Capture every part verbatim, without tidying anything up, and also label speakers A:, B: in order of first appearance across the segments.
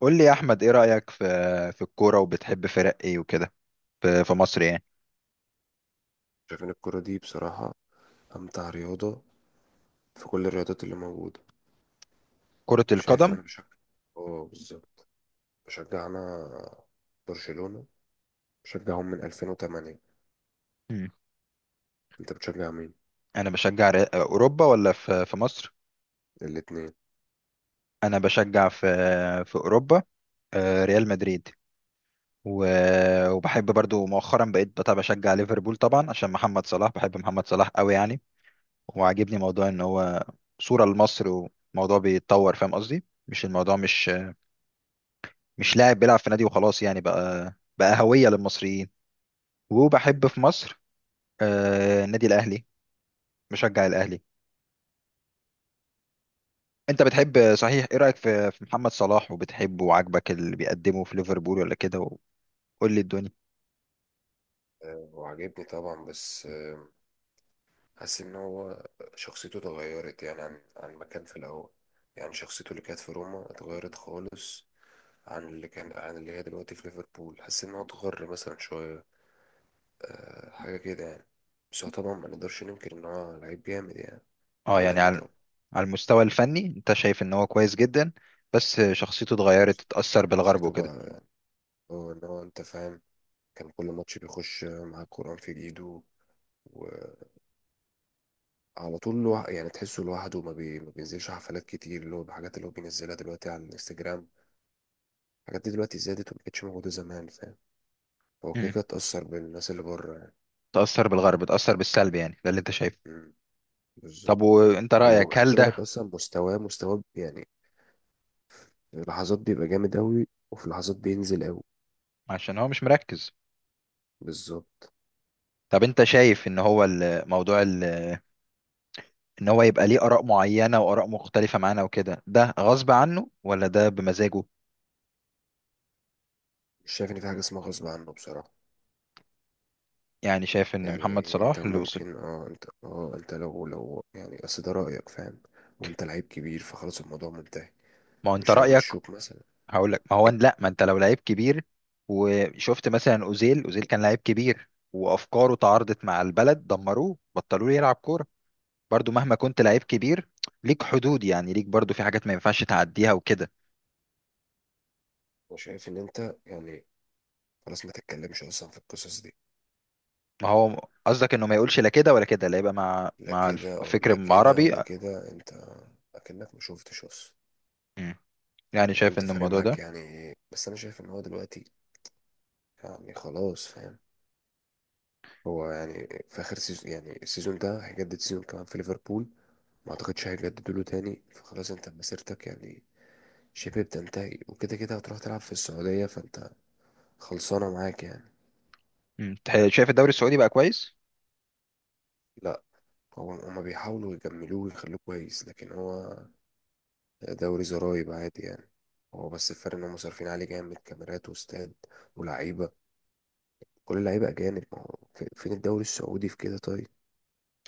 A: قول لي يا احمد، ايه رايك في في الكوره وبتحب فرق ايه وكده في في مصر يعني؟
B: شايف ان الكرة دي بصراحة، امتع رياضة في كل الرياضات اللي موجودة.
A: كره
B: شايف
A: القدم.
B: انا بشجع. اه، بالظبط. بشجع انا برشلونة، بشجعهم من ألفين وثمانية.
A: مم.
B: انت بتشجع مين؟
A: انا بشجع ري- اوروبا ولا في في مصر؟
B: الاتنين.
A: انا بشجع في في اوروبا، آه، ريال مدريد. و- وبحب برضو مؤخرا بقيت بتاع بشجع ليفربول طبعا عشان محمد صلاح، بحب محمد صلاح قوي يعني. وعاجبني موضوع ان هو صوره لمصر، وموضوع بيتطور، فاهم قصدي؟ مش الموضوع مش مش لاعب بيلعب في نادي وخلاص يعني، بقى بقى هويه للمصريين. وبحب في مصر آه، النادي الاهلي، مشجع الاهلي. انت بتحب صحيح، ايه رايك في في محمد صلاح؟ وبتحبه وعاجبك اللي بيقدمه في ليفربول ولا كده؟ وقول لي الدنيا.
B: آه، وعجبني طبعا، بس آه، حاسس ان هو شخصيته اتغيرت يعني عن عن ما كان في الاول. يعني شخصيته اللي كانت في روما اتغيرت خالص عن اللي كان، عن اللي هي دلوقتي في ليفربول. حاسس ان هو اتغر مثلا شوية، آه، حاجة كده يعني. بس هو طبعا ما نقدرش ننكر إن هو لعيب جامد يعني،
A: اه يعني
B: عالمي
A: على
B: طبعا.
A: على المستوى الفني انت شايف ان هو كويس جدا بس شخصيته اتغيرت، اتاثر بالغرب
B: شخصيته بقى
A: وكده.
B: يعني، هو إن هو، أنت فاهم، كان كل ماتش بيخش مع القرآن في إيده وعلى طول. لوح... يعني تحسه لوحده. ما, بي... ما بينزلش حفلات كتير اللي هو بحاجات اللي هو بينزلها دلوقتي على الانستجرام. الحاجات دي دلوقتي زادت وما كانتش موجودة زمان، فاهم. هو كده
A: مم.
B: كده اتأثر بالناس اللي بره يعني.
A: اتاثر بالغرب، اتاثر بالسلب يعني، ده اللي انت شايفه؟
B: مم، بالظبط.
A: طب وانت
B: ولو
A: رايك هل
B: خدت بالك
A: ده
B: أصلا، مستواه مستواه يعني، في لحظات بيبقى جامد أوي وفي لحظات بينزل أوي.
A: عشان هو مش مركز؟
B: بالظبط.
A: طب انت شايف ان هو الموضوع ان هو يبقى ليه اراء معينه واراء مختلفه معانا وكده ده غصب عنه ولا ده بمزاجه؟
B: مش شايف ان في حاجه اسمها غصب عنه بصراحه.
A: يعني شايف ان محمد
B: يعني انت
A: صلاح اللي وصل،
B: ممكن، اه انت اه انت لو لو يعني، اصل ده رايك، فاهم، وانت لعيب كبير فخلاص الموضوع منتهي.
A: ما هو انت
B: مش
A: رأيك،
B: هيمشوك مثلا.
A: هقول لك. ما هو لا، ما انت لو لعيب كبير وشفت مثلا اوزيل، اوزيل كان لعيب كبير وافكاره تعارضت مع البلد، دمروه بطلوا له يلعب كورة. برضو مهما كنت لعيب كبير ليك حدود يعني، ليك برضو في حاجات ما ينفعش تعديها وكده.
B: انا شايف ان انت يعني خلاص ما تتكلمش اصلا في القصص دي.
A: ما هو قصدك انه ما يقولش لا كده ولا كده، لا يبقى مع
B: لا
A: مع
B: كده
A: الفكر
B: لا كده
A: العربي.
B: ولا كده، انت اكنك ما شفتش اصلا.
A: مم. يعني
B: لو
A: شايف
B: انت
A: ان
B: فارق
A: الموضوع
B: معاك
A: ده.
B: يعني. بس انا شايف ان هو دلوقتي يعني خلاص، فاهم، هو يعني في اخر سيزون. يعني السيزون ده هيجدد سيزون كمان في ليفربول، ما اعتقدش هيجددوا له تاني، فخلاص انت مسيرتك يعني شبه بتنتهي. وكده كده هتروح تلعب في السعودية فانت خلصانة معاك يعني.
A: مم. تح- شايف الدوري السعودي بقى كويس؟
B: لا. هو هما بيحاولوا يجملوه ويخلوه كويس، لكن هو دوري زرايب عادي يعني. هو بس الفرق ان هم صارفين عليه جامد كاميرات واستاد ولعيبة. كل اللعيبة أجانب. ما هو في- فين الدوري السعودي في كده؟ طيب.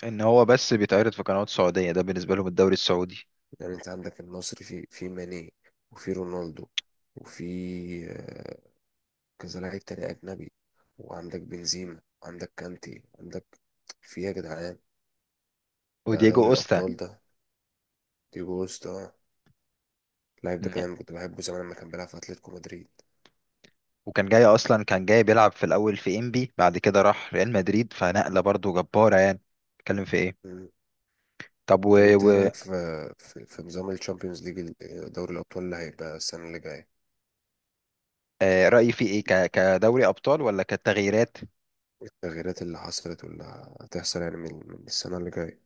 A: ان هو بس بيتعرض في قنوات سعودية، ده بالنسبة لهم الدوري السعودي.
B: يعني انت عندك النصر، في في ماني وفي رونالدو وفي كذا لعيب تاني أجنبي. وعندك بنزيما وعندك كانتي، عندك في إيه يا جدعان؟ ده
A: ودييجو
B: دوري
A: اوستا.
B: الأبطال ده. ديجو كوستا، اللاعب ده
A: مم.
B: كمان كنت بحبه زمان لما كان بيلعب في أتلتيكو مدريد.
A: وكان جاي اصلا، كان جاي بيلعب في الاول في انبي، بعد كده راح ريال مدريد، فنقله برضو جباره يعني. اتكلم في ايه؟
B: مم.
A: طب و...
B: طب أنت إيه
A: و...
B: رأيك في في, في نظام الشامبيونز ليج، دوري الأبطال اللي هيبقى السنة اللي جاية؟
A: آه، رايي في ايه؟ ك... كدوري ابطال ولا كتغييرات؟
B: التغييرات اللي حصلت واللي هتحصل يعني من, من السنة اللي جاية.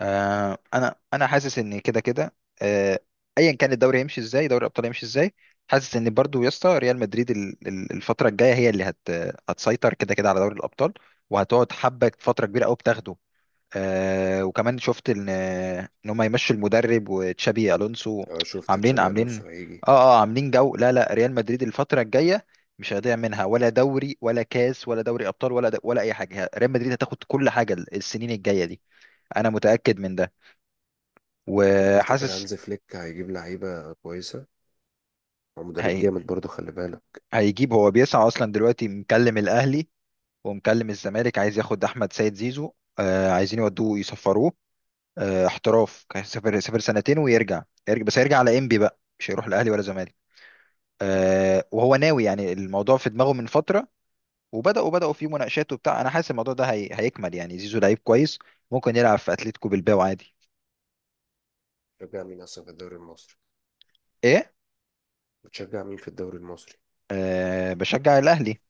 A: آه، انا انا حاسس ان كده كده، آه، ايا كان الدوري هيمشي ازاي، دوري الابطال هيمشي ازاي، حاسس ان برضو يا اسطى ريال مدريد ال- ال- الفتره الجايه هي اللي هت... هتسيطر كده كده على دوري الابطال، وهتقعد حبه فتره كبيره قوي بتاخده. آه وكمان شفت ان ان هم يمشوا المدرب وتشابي الونسو.
B: أه، شفت
A: عاملين،
B: تشابي
A: عاملين،
B: ألونسو هيجي.
A: اه اه، عاملين جو، لا لا، ريال مدريد الفتره الجايه مش هيضيع منها ولا دوري ولا كاس ولا دوري ابطال ولا ولا اي حاجه، ريال مدريد هتاخد كل حاجه السنين الجايه دي، انا متاكد من ده
B: طب تفتكر
A: وحاسس.
B: هانز فليك هيجيب لعيبة كويسة؟ هو مدرب
A: هي
B: جامد برضه، خلي بالك.
A: هيجيب، هو بيسعى اصلا دلوقتي، مكلم الاهلي ومكلم الزمالك، عايز ياخد احمد سيد زيزو. آه عايزين يودوه يصفروه، آه، احتراف، كان سافر، سافر سنتين ويرجع. يرجع بس هيرجع على انبي بقى، مش هيروح الاهلي ولا زمالك.
B: مم.
A: آه، وهو ناوي يعني، الموضوع في دماغه من فتره. وبداوا، بداوا في مناقشات وبتاع، انا حاسس الموضوع ده هي... هيكمل يعني. زيزو لعيب كويس، ممكن يلعب في اتلتيكو بالباو عادي.
B: شجع مين أصلا في الدوري المصري؟
A: ايه؟
B: بتشجع مين في الدوري المصري؟
A: أه بشجع الاهلي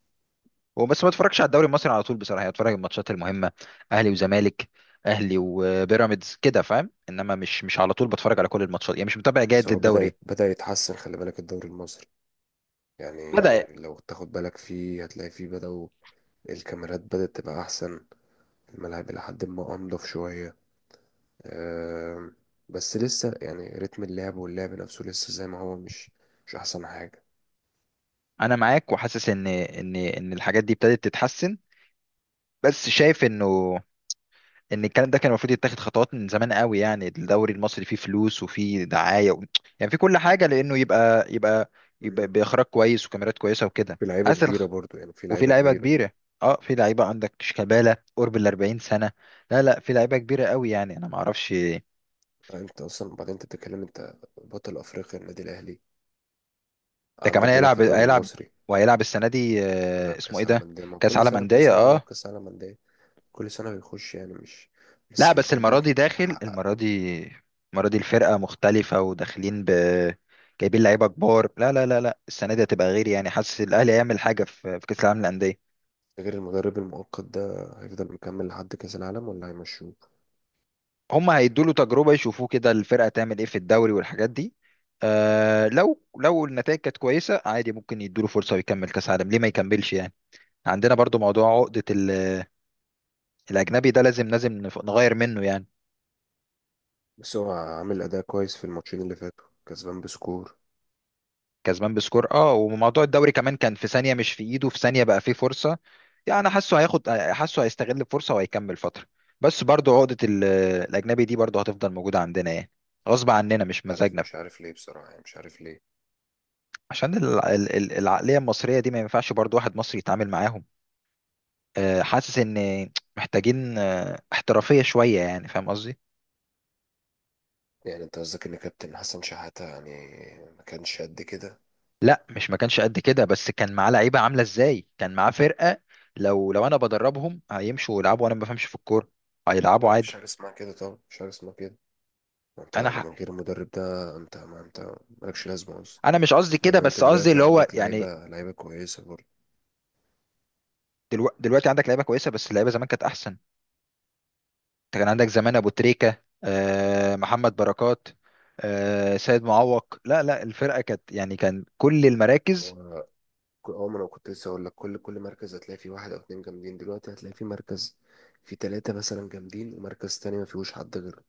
A: وبس، ما اتفرجش على الدوري المصري على طول بصراحه يعني، اتفرج على الماتشات المهمه: اهلي وزمالك، اهلي وبيراميدز كده، فاهم؟ انما مش مش على طول بتفرج على كل الماتشات يعني، مش متابع
B: بس
A: جيد
B: هو بدأ
A: للدوري.
B: يت- بدأ يتحسن، خلي بالك. الدوري المصري يعني،
A: لا بدا.
B: لو تاخد بالك فيه هتلاقي فيه بدأوا. الكاميرات بدأت تبقى أحسن، الملاعب إلى حد ما أنضف شوية. أم، بس لسه يعني رتم اللعب واللعب نفسه لسه زي ما هو، مش مش أحسن حاجة.
A: انا معاك وحاسس ان ان ان الحاجات دي ابتدت تتحسن، بس شايف انه ان الكلام ده كان المفروض يتاخد خطوات من زمان قوي يعني. الدوري المصري فيه فلوس وفيه دعاية و... يعني في كل حاجة، لانه يبقى يبقى يبقى
B: مم.
A: باخراج كويس وكاميرات كويسة وكده.
B: في لعيبة
A: اسل،
B: كبيرة برضو، يعني في
A: وفي
B: لعيبة
A: لعيبة
B: كبيرة.
A: كبيرة، اه في لعيبة، عندك شيكابالا قرب ال أربعين سنة، لا لا في لعيبة كبيرة قوي يعني انا ما اعرفش.
B: أنت أصلا بعدين، أنت بتتكلم، أنت بطل أفريقيا النادي الأهلي
A: ده
B: عندك
A: كمان
B: بيلعب في
A: هيلعب،
B: الدوري
A: هيلعب
B: المصري.
A: وهيلعب السنة دي،
B: بيلعب
A: آه، اسمه
B: كأس
A: ايه
B: عالم
A: ده؟
B: أندية. ما هو
A: كأس
B: كل
A: عالم
B: سنة، كل
A: أندية،
B: سنة بيلعب
A: اه.
B: كأس عالم أندية. كل سنة بيخش يعني، مش بس
A: لا بس
B: المفروض
A: المرة
B: بقى
A: دي داخل،
B: تحقق.
A: المرة دي، المرة دي الفرقة مختلفة وداخلين ب، جايبين لعيبة كبار، لا لا لا لا، السنة دي هتبقى غير يعني، حاسس الأهلي هيعمل حاجة في في كأس العالم للأندية.
B: غير المدرب المؤقت ده هيفضل مكمل لحد كأس العالم ولا هيمشوه؟
A: هم هيدوا له تجربة، يشوفوه كده الفرقة تعمل إيه في الدوري والحاجات دي، آه لو لو النتائج كانت كويسة عادي ممكن يدوا له فرصة ويكمل كأس عالم، ليه ما يكملش يعني؟ عندنا برضو موضوع عقدة ال- الأجنبي ده، لازم لازم نف- نغير منه يعني.
B: بس هو عامل أداء كويس في الماتشين اللي فاتوا، كسبان بسكور.
A: كسبان بسكور، اه، وموضوع الدوري كمان كان في ثانية مش في ايده، في ثانية بقى فيه فرصة يعني. انا حاسه هياخد، حاسه هيستغل الفرصة وهيكمل فترة. بس برضو عقدة ال- الاجنبي دي برضو هتفضل موجودة عندنا يعني، غصب عننا مش
B: مش عارف،
A: مزاجنا.
B: مش عارف ليه بصراحة، يعني مش عارف ليه.
A: عشان ال- ال- ال- العقلية المصرية دي ما ينفعش برضو واحد مصري يتعامل معاهم. آه، حاسس ان محتاجين آه، احترافية شوية يعني، فاهم قصدي؟
B: يعني انت قصدك ان كابتن حسن شحاتة يعني ما كانش قد كده؟
A: لا مش ما كانش قد كده، بس كان معاه لعيبة عاملة ازاي، كان معاه فرقة. لو لو انا بدربهم هيمشوا يلعبوا، وانا ما بفهمش في الكورة، هيلعبوا
B: لا، مفيش
A: عادي.
B: حاجة اسمها كده طبعا، مفيش حاجة اسمها كده. ما انت
A: انا
B: لما
A: ح...
B: غير المدرب ده، انت، ما انت مالكش لازمة اصلا.
A: انا مش قصدي كده،
B: بعدين انت
A: بس قصدي
B: دلوقتي
A: اللي هو
B: عندك
A: يعني.
B: لعيبة، لعيبة كويسة برضه.
A: دلو... دلوقتي عندك لعيبه كويسه، بس اللعيبه زمان كانت احسن. انت كان عندك زمان ابو تريكه، آه، محمد بركات، آه، سيد معوق، لا لا الفرقه كانت يعني كان كل المراكز.
B: هو ك- اه ما انا كنت لسه هقول لك، كل كل مركز هتلاقي فيه واحد او اتنين جامدين. دلوقتي هتلاقي فيه مركز فيه تلاتة مثلا جامدين، ومركز تاني ما فيهوش حد غير.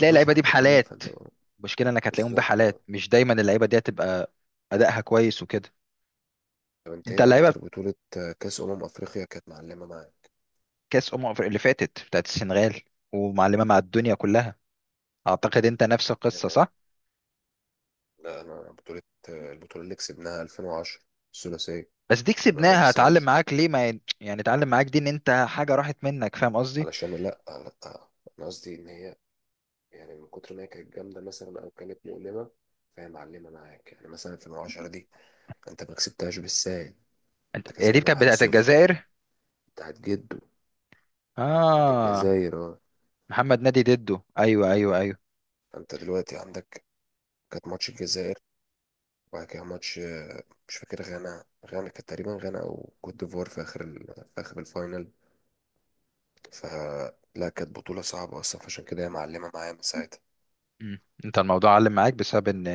B: ما فيهوش
A: اللعيبه دي
B: حد فعلا.
A: بحالات،
B: فانت
A: المشكله انك هتلاقيهم
B: بالظبط،
A: بحالات،
B: اه.
A: مش دايما اللعيبه دي هتبقى ادائها كويس وكده.
B: طب انت
A: انت
B: ايه
A: اللعيبه.
B: اكتر بطولة، آه، كاس امم افريقيا، كانت معلمة معاك
A: كاس امم أفريقيا اللي فاتت بتاعت السنغال، ومعلمه مع الدنيا كلها. اعتقد انت نفس القصه
B: يعني؟
A: صح؟
B: لا، انا بطولة، آه، البطولة اللي كسبناها ألفين وعشرة، الثلاثية.
A: بس دي
B: تمانية
A: كسبناها، اتعلم
B: تسعة عشر.
A: معاك ليه ما ي- يعني اتعلم معاك دي ان انت حاجه راحت منك، فاهم قصدي؟
B: علشان، لا، لا، انا قصدي ان هي، يعني من كتر ما هي كانت جامدة مثلا او كانت مؤلمة فهي معلمة معاك يعني. مثلا ألفين وعشرة دي، انت ما كسبتهاش بالساهل.
A: انت
B: انت
A: هي دي
B: كسبان
A: كانت
B: واحد
A: بتاعت
B: صفر
A: الجزائر،
B: بتاعت جده، بتاعت
A: اه،
B: الجزائر اه.
A: محمد نادي ديدو، ايوه ايوه ايوه.
B: فانت دلوقتي عندك، كانت ماتش الجزائر، وبعد كده ماتش، آه، مش فاكر، غانا غانا كانت تقريبا، غانا او كوت ديفوار، في اخر ال... في اخر الفاينل. فلا، كانت بطولة صعبة اصلا، فعشان كده هي معلمة معايا من ساعتها.
A: مم. انت الموضوع علم معاك بسبب ان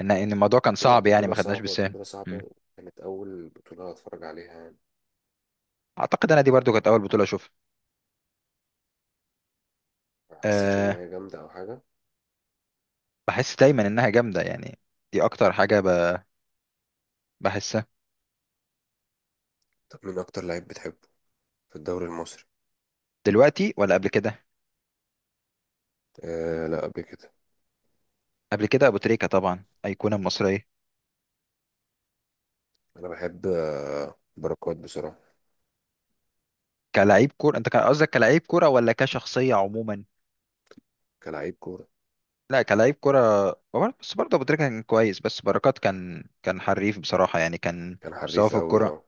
A: ان ان الموضوع كان
B: بطولة،
A: صعب يعني،
B: بطولة
A: ما خدناش
B: صعبة،
A: بسهل.
B: بطولة
A: مم.
B: صعبة. كانت أول بطولة أتفرج عليها يعني،
A: اعتقد انا دي برضو كانت اول بطوله اشوفها.
B: ما حسيتش إن
A: أه
B: هي جامدة أو حاجة.
A: بحس دايما انها جامده يعني، دي اكتر حاجه ب... بحسها.
B: طب مين أكتر لعيب بتحبه في الدوري المصري؟
A: دلوقتي ولا قبل كده؟
B: آه، لا، قبل كده.
A: قبل كده ابو تريكه طبعا، ايقونه مصريه.
B: أنا بحب، آه، بركات بصراحة.
A: كلاعب كوره، انت كان قصدك كلاعب كوره ولا كشخصيه عموما؟
B: كلاعب كورة.
A: لا كلاعب كرة، وبر- بس برضه أبو تريكة كان كويس، بس بركات كان، كان حريف بصراحة يعني، كان
B: كان
A: مستواه
B: حريف
A: في
B: قوي
A: الكرة.
B: اه.